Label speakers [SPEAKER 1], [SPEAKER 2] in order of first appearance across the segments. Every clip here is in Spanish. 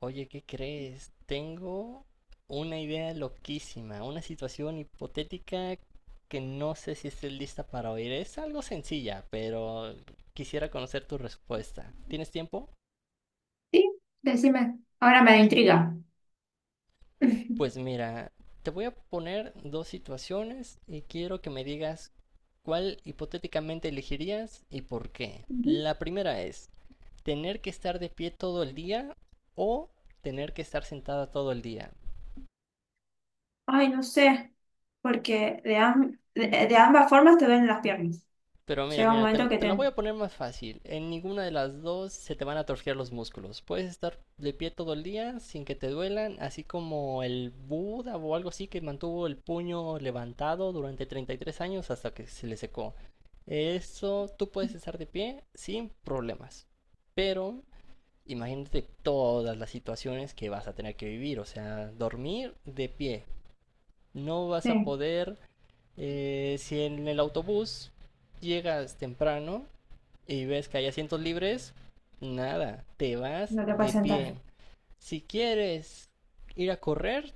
[SPEAKER 1] Oye, ¿qué crees? Tengo una idea loquísima, una situación hipotética que no sé si estés lista para oír. Es algo sencilla, pero quisiera conocer tu respuesta. ¿Tienes tiempo?
[SPEAKER 2] Sí, decime. Ahora me da intriga.
[SPEAKER 1] Pues mira, te voy a poner dos situaciones y quiero que me digas cuál hipotéticamente elegirías y por qué.
[SPEAKER 2] Ujú.
[SPEAKER 1] La primera es tener que estar de pie todo el día o tener que estar sentada todo el día.
[SPEAKER 2] Ay, no sé, porque de ambas formas te duelen las piernas.
[SPEAKER 1] Pero mira,
[SPEAKER 2] Llega un
[SPEAKER 1] mira, te,
[SPEAKER 2] momento que
[SPEAKER 1] te la voy
[SPEAKER 2] te...
[SPEAKER 1] a poner más fácil. En ninguna de las dos se te van a torcer los músculos. Puedes estar de pie todo el día sin que te duelan, así como el Buda o algo así que mantuvo el puño levantado durante 33 años hasta que se le secó. Eso tú puedes estar de pie sin problemas. Pero imagínate todas las situaciones que vas a tener que vivir. O sea, dormir de pie, no vas a
[SPEAKER 2] Sí.
[SPEAKER 1] poder, si en el autobús llegas temprano y ves que hay asientos libres, nada, te vas
[SPEAKER 2] No te puedes
[SPEAKER 1] de
[SPEAKER 2] sentar.
[SPEAKER 1] pie. Si quieres ir a correr,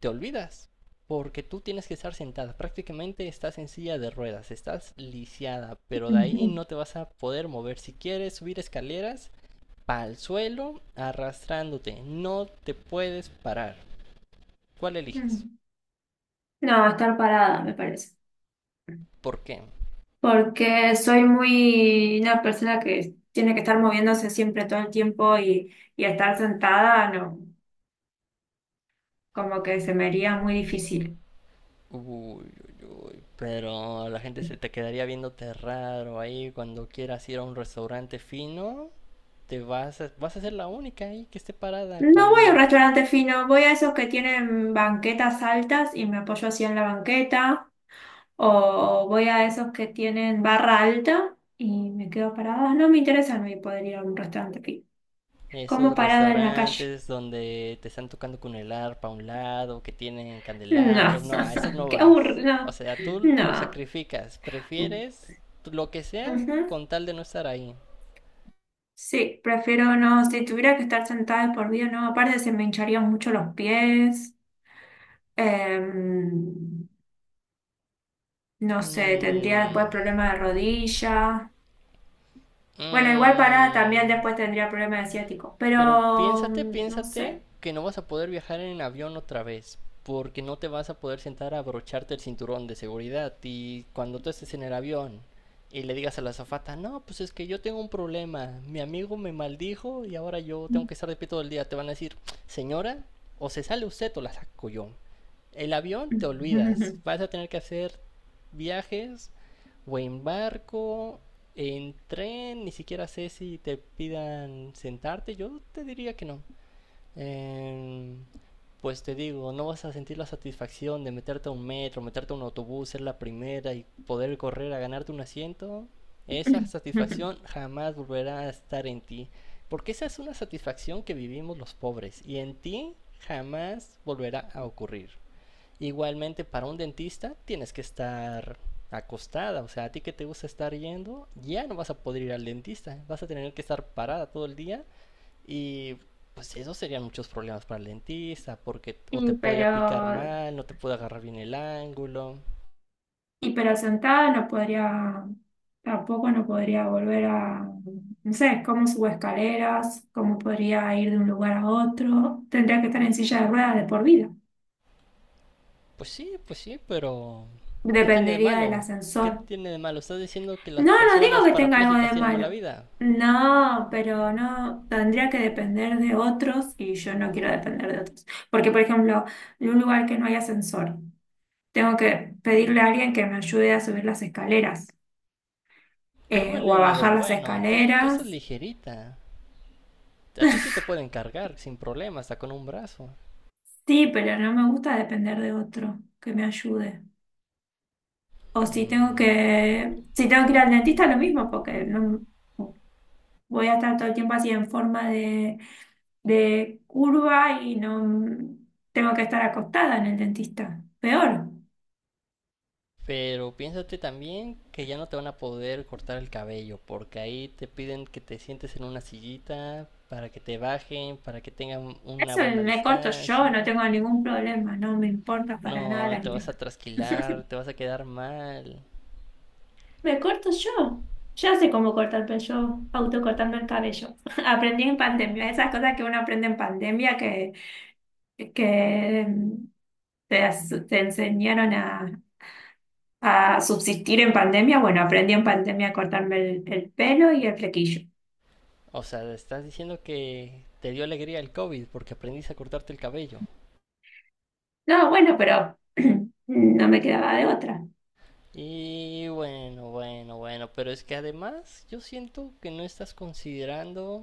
[SPEAKER 1] te olvidas, porque tú tienes que estar sentada. Prácticamente estás en silla de ruedas, estás lisiada, pero de ahí
[SPEAKER 2] Ujú.
[SPEAKER 1] no te vas a poder mover. Si quieres subir escaleras, al suelo arrastrándote. No te puedes parar. ¿Cuál eliges?
[SPEAKER 2] Mm. No, estar parada, me parece.
[SPEAKER 1] ¿Por qué?
[SPEAKER 2] Porque soy muy una persona que tiene que estar moviéndose siempre todo el tiempo y estar sentada, no, como que se me haría muy difícil.
[SPEAKER 1] Uy, uy, uy. Pero la gente se te quedaría viéndote raro ahí cuando quieras ir a un restaurante fino. Te vas a ser la única ahí que esté parada
[SPEAKER 2] No voy a un
[SPEAKER 1] cuando
[SPEAKER 2] restaurante fino, voy a esos que tienen banquetas altas y me apoyo así en la banqueta. O voy a esos que tienen barra alta y me quedo parada. No me interesa no poder ir a un restaurante aquí.
[SPEAKER 1] esos
[SPEAKER 2] Como parada en la calle.
[SPEAKER 1] restaurantes donde te están tocando con el arpa a un lado, que tienen
[SPEAKER 2] No,
[SPEAKER 1] candelabros, no, a esos no
[SPEAKER 2] qué
[SPEAKER 1] vas. O
[SPEAKER 2] aburrido.
[SPEAKER 1] sea, tú lo
[SPEAKER 2] No.
[SPEAKER 1] sacrificas, prefieres lo que sea
[SPEAKER 2] Ujú.
[SPEAKER 1] con tal de no estar ahí.
[SPEAKER 2] Sí, prefiero no. Si tuviera que estar sentada de por vida, no. Aparte, se me hincharían mucho los pies. Em, no sé, tendría después
[SPEAKER 1] Mm,
[SPEAKER 2] problema de rodilla. Bueno, igual parada también
[SPEAKER 1] mm,
[SPEAKER 2] después tendría problema de ciático.
[SPEAKER 1] Pero
[SPEAKER 2] Pero
[SPEAKER 1] piénsate,
[SPEAKER 2] no
[SPEAKER 1] piénsate
[SPEAKER 2] sé.
[SPEAKER 1] que no vas a poder viajar en avión otra vez, porque no te vas a poder sentar a abrocharte el cinturón de seguridad. Y cuando tú estés en el avión y le digas a la azafata, no, pues es que yo tengo un problema, mi amigo me maldijo y ahora yo tengo que estar de pie todo el día, te van a decir, señora, o se sale usted o la saco yo. El avión te olvidas, vas a tener que hacer viajes o en barco, en tren, ni siquiera sé si te pidan sentarte, yo te diría que no. Em, pues te digo, no vas a sentir la satisfacción de meterte a un metro, meterte a un autobús, ser la primera y poder correr a ganarte un asiento. Esa satisfacción jamás volverá a estar en ti, porque esa es una satisfacción que vivimos los pobres y en ti jamás volverá a ocurrir. Igualmente, para un dentista tienes que estar acostada, o sea, a ti que te gusta estar yendo, ya no vas a poder ir al dentista, vas a tener que estar parada todo el día y pues eso serían muchos problemas para el dentista, porque o te
[SPEAKER 2] Y
[SPEAKER 1] podría picar
[SPEAKER 2] pero,
[SPEAKER 1] mal, no te puede agarrar bien el ángulo.
[SPEAKER 2] y pero sentada no podría, tampoco no podría volver a, no sé, cómo subo escaleras, cómo podría ir de un lugar a otro. Tendría que estar en silla de ruedas de por vida.
[SPEAKER 1] Pues sí, pero ¿qué tiene de
[SPEAKER 2] Dependería del
[SPEAKER 1] malo? ¿Qué
[SPEAKER 2] ascensor.
[SPEAKER 1] tiene de malo? Estás diciendo que las
[SPEAKER 2] No, no digo
[SPEAKER 1] personas
[SPEAKER 2] que tenga algo
[SPEAKER 1] parapléjicas
[SPEAKER 2] de
[SPEAKER 1] tienen mala
[SPEAKER 2] malo.
[SPEAKER 1] vida.
[SPEAKER 2] No, pero no, tendría que depender de otros y yo no quiero depender de otros. Porque, por ejemplo, en un lugar que no hay ascensor, tengo que pedirle a alguien que me ayude a subir las escaleras.
[SPEAKER 1] Pero vele
[SPEAKER 2] O a
[SPEAKER 1] el lado
[SPEAKER 2] bajar las
[SPEAKER 1] bueno, tú estás
[SPEAKER 2] escaleras.
[SPEAKER 1] ligerita. A ti sí te pueden cargar sin problema, hasta con un brazo.
[SPEAKER 2] Sí, pero no me gusta depender de otro que me ayude. O si tengo que,
[SPEAKER 1] Mm,
[SPEAKER 2] si tengo que ir al dentista, lo mismo, porque no voy a estar todo el tiempo así en forma de curva y no tengo que estar acostada en el dentista. Peor.
[SPEAKER 1] Pero piénsate también que ya no te van a poder cortar el cabello, porque ahí te piden que te sientes en una sillita para que te bajen, para que tengan una
[SPEAKER 2] Eso
[SPEAKER 1] buena
[SPEAKER 2] me corto yo,
[SPEAKER 1] distancia.
[SPEAKER 2] no tengo ningún problema, no me importa para nada
[SPEAKER 1] No,
[SPEAKER 2] la.
[SPEAKER 1] te vas a trasquilar, te vas a quedar mal.
[SPEAKER 2] Me corto yo. Ya sé cómo cortarme yo, autocortando el cabello. Aprendí en pandemia, esas cosas que uno aprende en pandemia que te enseñaron a subsistir en pandemia. Bueno, aprendí en pandemia a cortarme el pelo y el flequillo.
[SPEAKER 1] O sea, estás diciendo que te dio alegría el COVID porque aprendiste a cortarte el cabello.
[SPEAKER 2] No, bueno, pero no me quedaba de otra.
[SPEAKER 1] Y bueno, bueno, bueno, pero es que además yo siento que no estás considerando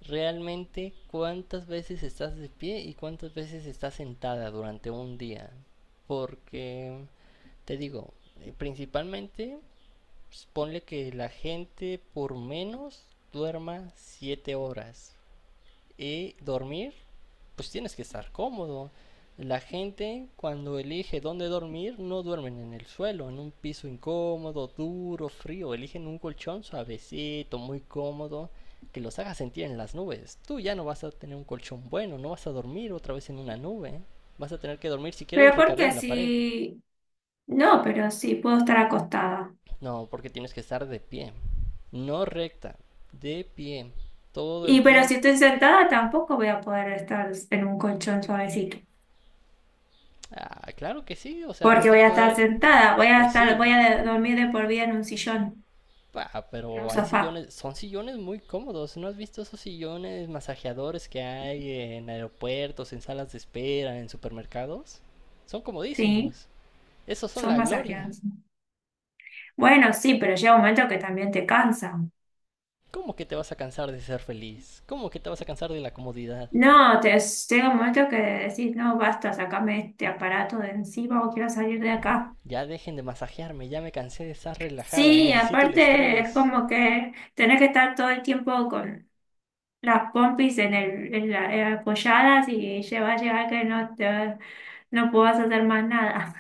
[SPEAKER 1] realmente cuántas veces estás de pie y cuántas veces estás sentada durante un día. Porque, te digo, principalmente, pues, ponle que la gente por menos duerma 7 horas. Y dormir, pues tienes que estar cómodo. La gente cuando elige dónde dormir no duermen en el suelo, en un piso incómodo, duro, frío. Eligen un colchón suavecito, muy cómodo, que los haga sentir en las nubes. Tú ya no vas a tener un colchón bueno, no vas a dormir otra vez en una nube. Vas a tener que dormir si quieres
[SPEAKER 2] Pero porque
[SPEAKER 1] recargando la pared.
[SPEAKER 2] si... No, pero sí, puedo estar acostada.
[SPEAKER 1] No, porque tienes que estar de pie. No recta, de pie. Todo el
[SPEAKER 2] Y pero si
[SPEAKER 1] tiempo.
[SPEAKER 2] estoy sentada tampoco voy a poder estar en un colchón suavecito.
[SPEAKER 1] Ah, claro que sí, o sea,
[SPEAKER 2] Porque
[SPEAKER 1] vas
[SPEAKER 2] voy
[SPEAKER 1] a
[SPEAKER 2] a estar
[SPEAKER 1] poder...
[SPEAKER 2] sentada, voy a
[SPEAKER 1] Pues sí,
[SPEAKER 2] estar, voy a de- dormir de por vida en un sillón, en
[SPEAKER 1] Pero
[SPEAKER 2] un
[SPEAKER 1] hay
[SPEAKER 2] sofá,
[SPEAKER 1] sillones, son sillones muy cómodos. ¿No has visto esos sillones masajeadores que hay en aeropuertos, en salas de espera, en supermercados? Son
[SPEAKER 2] ¿sí?
[SPEAKER 1] comodísimos. Esos son
[SPEAKER 2] Son
[SPEAKER 1] la gloria.
[SPEAKER 2] masajeadas. Bueno, sí, pero llega un momento que también te cansan.
[SPEAKER 1] ¿Cómo que te vas a cansar de ser feliz? ¿Cómo que te vas a cansar de la comodidad?
[SPEAKER 2] No, te, Llega un momento que decís, no, basta, sacame este aparato de encima o quiero salir de acá.
[SPEAKER 1] Ya dejen de masajearme, ya me cansé de estar relajada,
[SPEAKER 2] Sí,
[SPEAKER 1] necesito el
[SPEAKER 2] aparte es
[SPEAKER 1] estrés.
[SPEAKER 2] como que tenés que estar todo el tiempo con las pompis en el, apoyadas y lleva a llegar que no te, no puedas hacer más nada.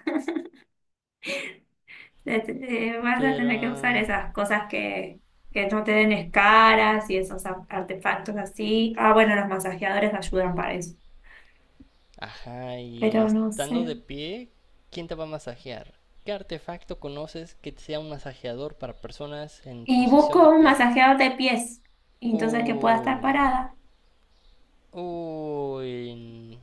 [SPEAKER 2] Vas a
[SPEAKER 1] Pero
[SPEAKER 2] tener que usar esas cosas que no te den escaras y esos a- artefactos así. Ah, bueno, los masajeadores ayudan para eso,
[SPEAKER 1] ajá, y
[SPEAKER 2] pero no
[SPEAKER 1] estando
[SPEAKER 2] sé.
[SPEAKER 1] de pie, ¿quién te va a masajear? ¿Qué artefacto conoces que sea un masajeador para personas en
[SPEAKER 2] Y
[SPEAKER 1] posición
[SPEAKER 2] busco
[SPEAKER 1] de
[SPEAKER 2] un
[SPEAKER 1] pie?
[SPEAKER 2] masajeador de pies, y entonces que pueda
[SPEAKER 1] Uy,
[SPEAKER 2] estar parada.
[SPEAKER 1] uy.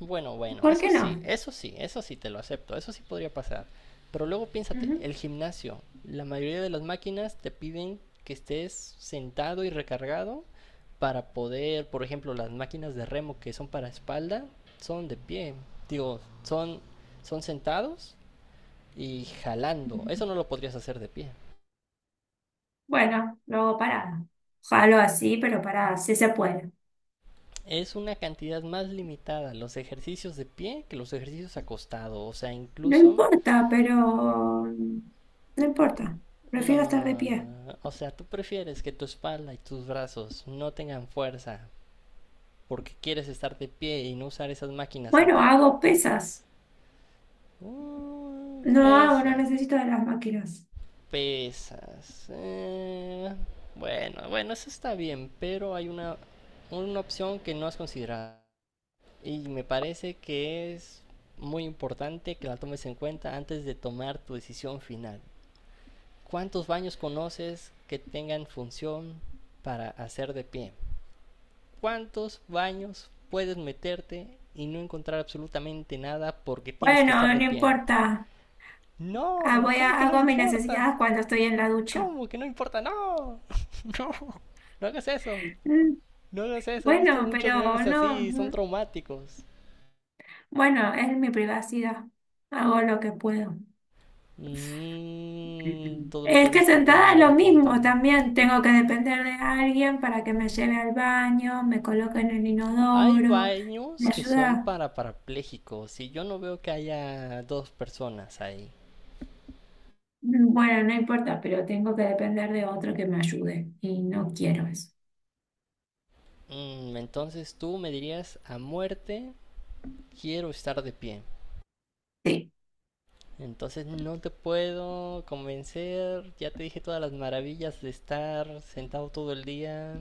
[SPEAKER 1] Bueno, bueno,
[SPEAKER 2] ¿Por
[SPEAKER 1] eso
[SPEAKER 2] qué
[SPEAKER 1] sí,
[SPEAKER 2] no?
[SPEAKER 1] eso sí, eso sí te lo acepto, eso sí podría pasar. Pero luego piénsate,
[SPEAKER 2] Ujú.
[SPEAKER 1] el gimnasio, la mayoría de las máquinas te piden que estés sentado y recargado para poder, por ejemplo, las máquinas de remo que son para espalda, son de pie. Digo, son sentados y jalando. Eso no lo podrías hacer de pie.
[SPEAKER 2] Bueno, luego parada. Jalo así, pero parada, sí se puede.
[SPEAKER 1] Es una cantidad más limitada los ejercicios de pie que los ejercicios acostado. O sea,
[SPEAKER 2] No
[SPEAKER 1] incluso
[SPEAKER 2] importa, pero no importa. Prefiero estar de pie.
[SPEAKER 1] no, o sea, tú prefieres que tu espalda y tus brazos no tengan fuerza porque quieres estar de pie y no usar esas máquinas
[SPEAKER 2] Bueno,
[SPEAKER 1] sentada.
[SPEAKER 2] hago pesas. No hago, no
[SPEAKER 1] Pesas,
[SPEAKER 2] necesito de las máquinas.
[SPEAKER 1] pesas. Bueno, bueno, eso está bien, pero hay una opción que no has considerado y me parece que es muy importante que la tomes en cuenta antes de tomar tu decisión final. ¿Cuántos baños conoces que tengan función para hacer de pie? ¿Cuántos baños puedes meterte y no encontrar absolutamente nada porque tienes que estar
[SPEAKER 2] Bueno,
[SPEAKER 1] de
[SPEAKER 2] no
[SPEAKER 1] pie?
[SPEAKER 2] importa. Ah,
[SPEAKER 1] No,
[SPEAKER 2] voy a,
[SPEAKER 1] ¿cómo que no
[SPEAKER 2] hago mis
[SPEAKER 1] importa?
[SPEAKER 2] necesidades cuando estoy en la ducha.
[SPEAKER 1] ¿Cómo que no importa? No, no, no hagas eso.
[SPEAKER 2] Mm,
[SPEAKER 1] No hagas eso, he visto
[SPEAKER 2] bueno,
[SPEAKER 1] muchos
[SPEAKER 2] pero
[SPEAKER 1] memes
[SPEAKER 2] no.
[SPEAKER 1] así, son traumáticos.
[SPEAKER 2] Bueno, es mi privacidad. Hago lo que puedo.
[SPEAKER 1] Mm, todo lo que
[SPEAKER 2] Es que
[SPEAKER 1] haces por quererme
[SPEAKER 2] sentada es
[SPEAKER 1] llevar
[SPEAKER 2] lo
[SPEAKER 1] la
[SPEAKER 2] mismo
[SPEAKER 1] contra.
[SPEAKER 2] también. Tengo que depender de alguien para que me lleve al baño, me coloque en el
[SPEAKER 1] Hay
[SPEAKER 2] inodoro, me
[SPEAKER 1] baños que son
[SPEAKER 2] ayuda.
[SPEAKER 1] para parapléjicos y yo no veo que haya dos personas ahí.
[SPEAKER 2] Mm, bueno, no importa, pero tengo que depender de otro que me ayude y no quiero eso.
[SPEAKER 1] Mm, entonces tú me dirías a muerte quiero estar de pie.
[SPEAKER 2] Sí,
[SPEAKER 1] Entonces no te puedo convencer, ya te dije todas las maravillas de estar sentado todo el día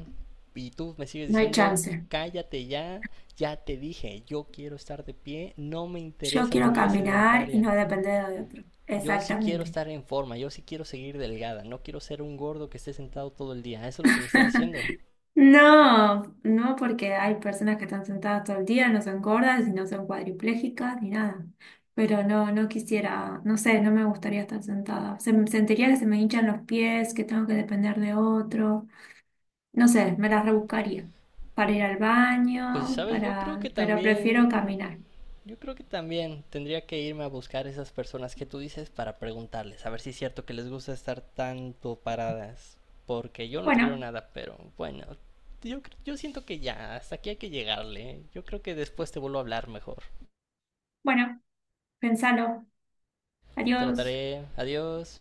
[SPEAKER 1] y tú me sigues
[SPEAKER 2] no hay
[SPEAKER 1] diciendo
[SPEAKER 2] chance.
[SPEAKER 1] cállate ya, ya te dije, yo quiero estar de pie, no me
[SPEAKER 2] Yo
[SPEAKER 1] interesa tu
[SPEAKER 2] quiero
[SPEAKER 1] vida
[SPEAKER 2] caminar y
[SPEAKER 1] sedentaria.
[SPEAKER 2] no depender de otro.
[SPEAKER 1] Yo sí quiero
[SPEAKER 2] Exactamente.
[SPEAKER 1] estar en forma, yo sí quiero seguir delgada, no quiero ser un gordo que esté sentado todo el día. Eso es lo que me estás diciendo.
[SPEAKER 2] No, no, porque hay personas que están sentadas todo el día, no son gordas y no son cuadriplégicas ni nada. Pero no, no quisiera, no sé, no me gustaría estar sentada. Se, me- sentiría que se me hinchan los pies, que tengo que depender de otro. No sé, me las rebuscaría para ir al
[SPEAKER 1] Pues,
[SPEAKER 2] baño,
[SPEAKER 1] ¿sabes? Yo creo
[SPEAKER 2] para,
[SPEAKER 1] que
[SPEAKER 2] pero prefiero
[SPEAKER 1] también,
[SPEAKER 2] caminar.
[SPEAKER 1] yo creo que también tendría que irme a buscar esas personas que tú dices para preguntarles, a ver si es cierto que les gusta estar tanto paradas, porque yo no te creo
[SPEAKER 2] Bueno,
[SPEAKER 1] nada, pero bueno, yo siento que ya, hasta aquí hay que llegarle. Yo creo que después te vuelvo a hablar mejor.
[SPEAKER 2] bueno, pensalo. Adiós.
[SPEAKER 1] Trataré. Adiós.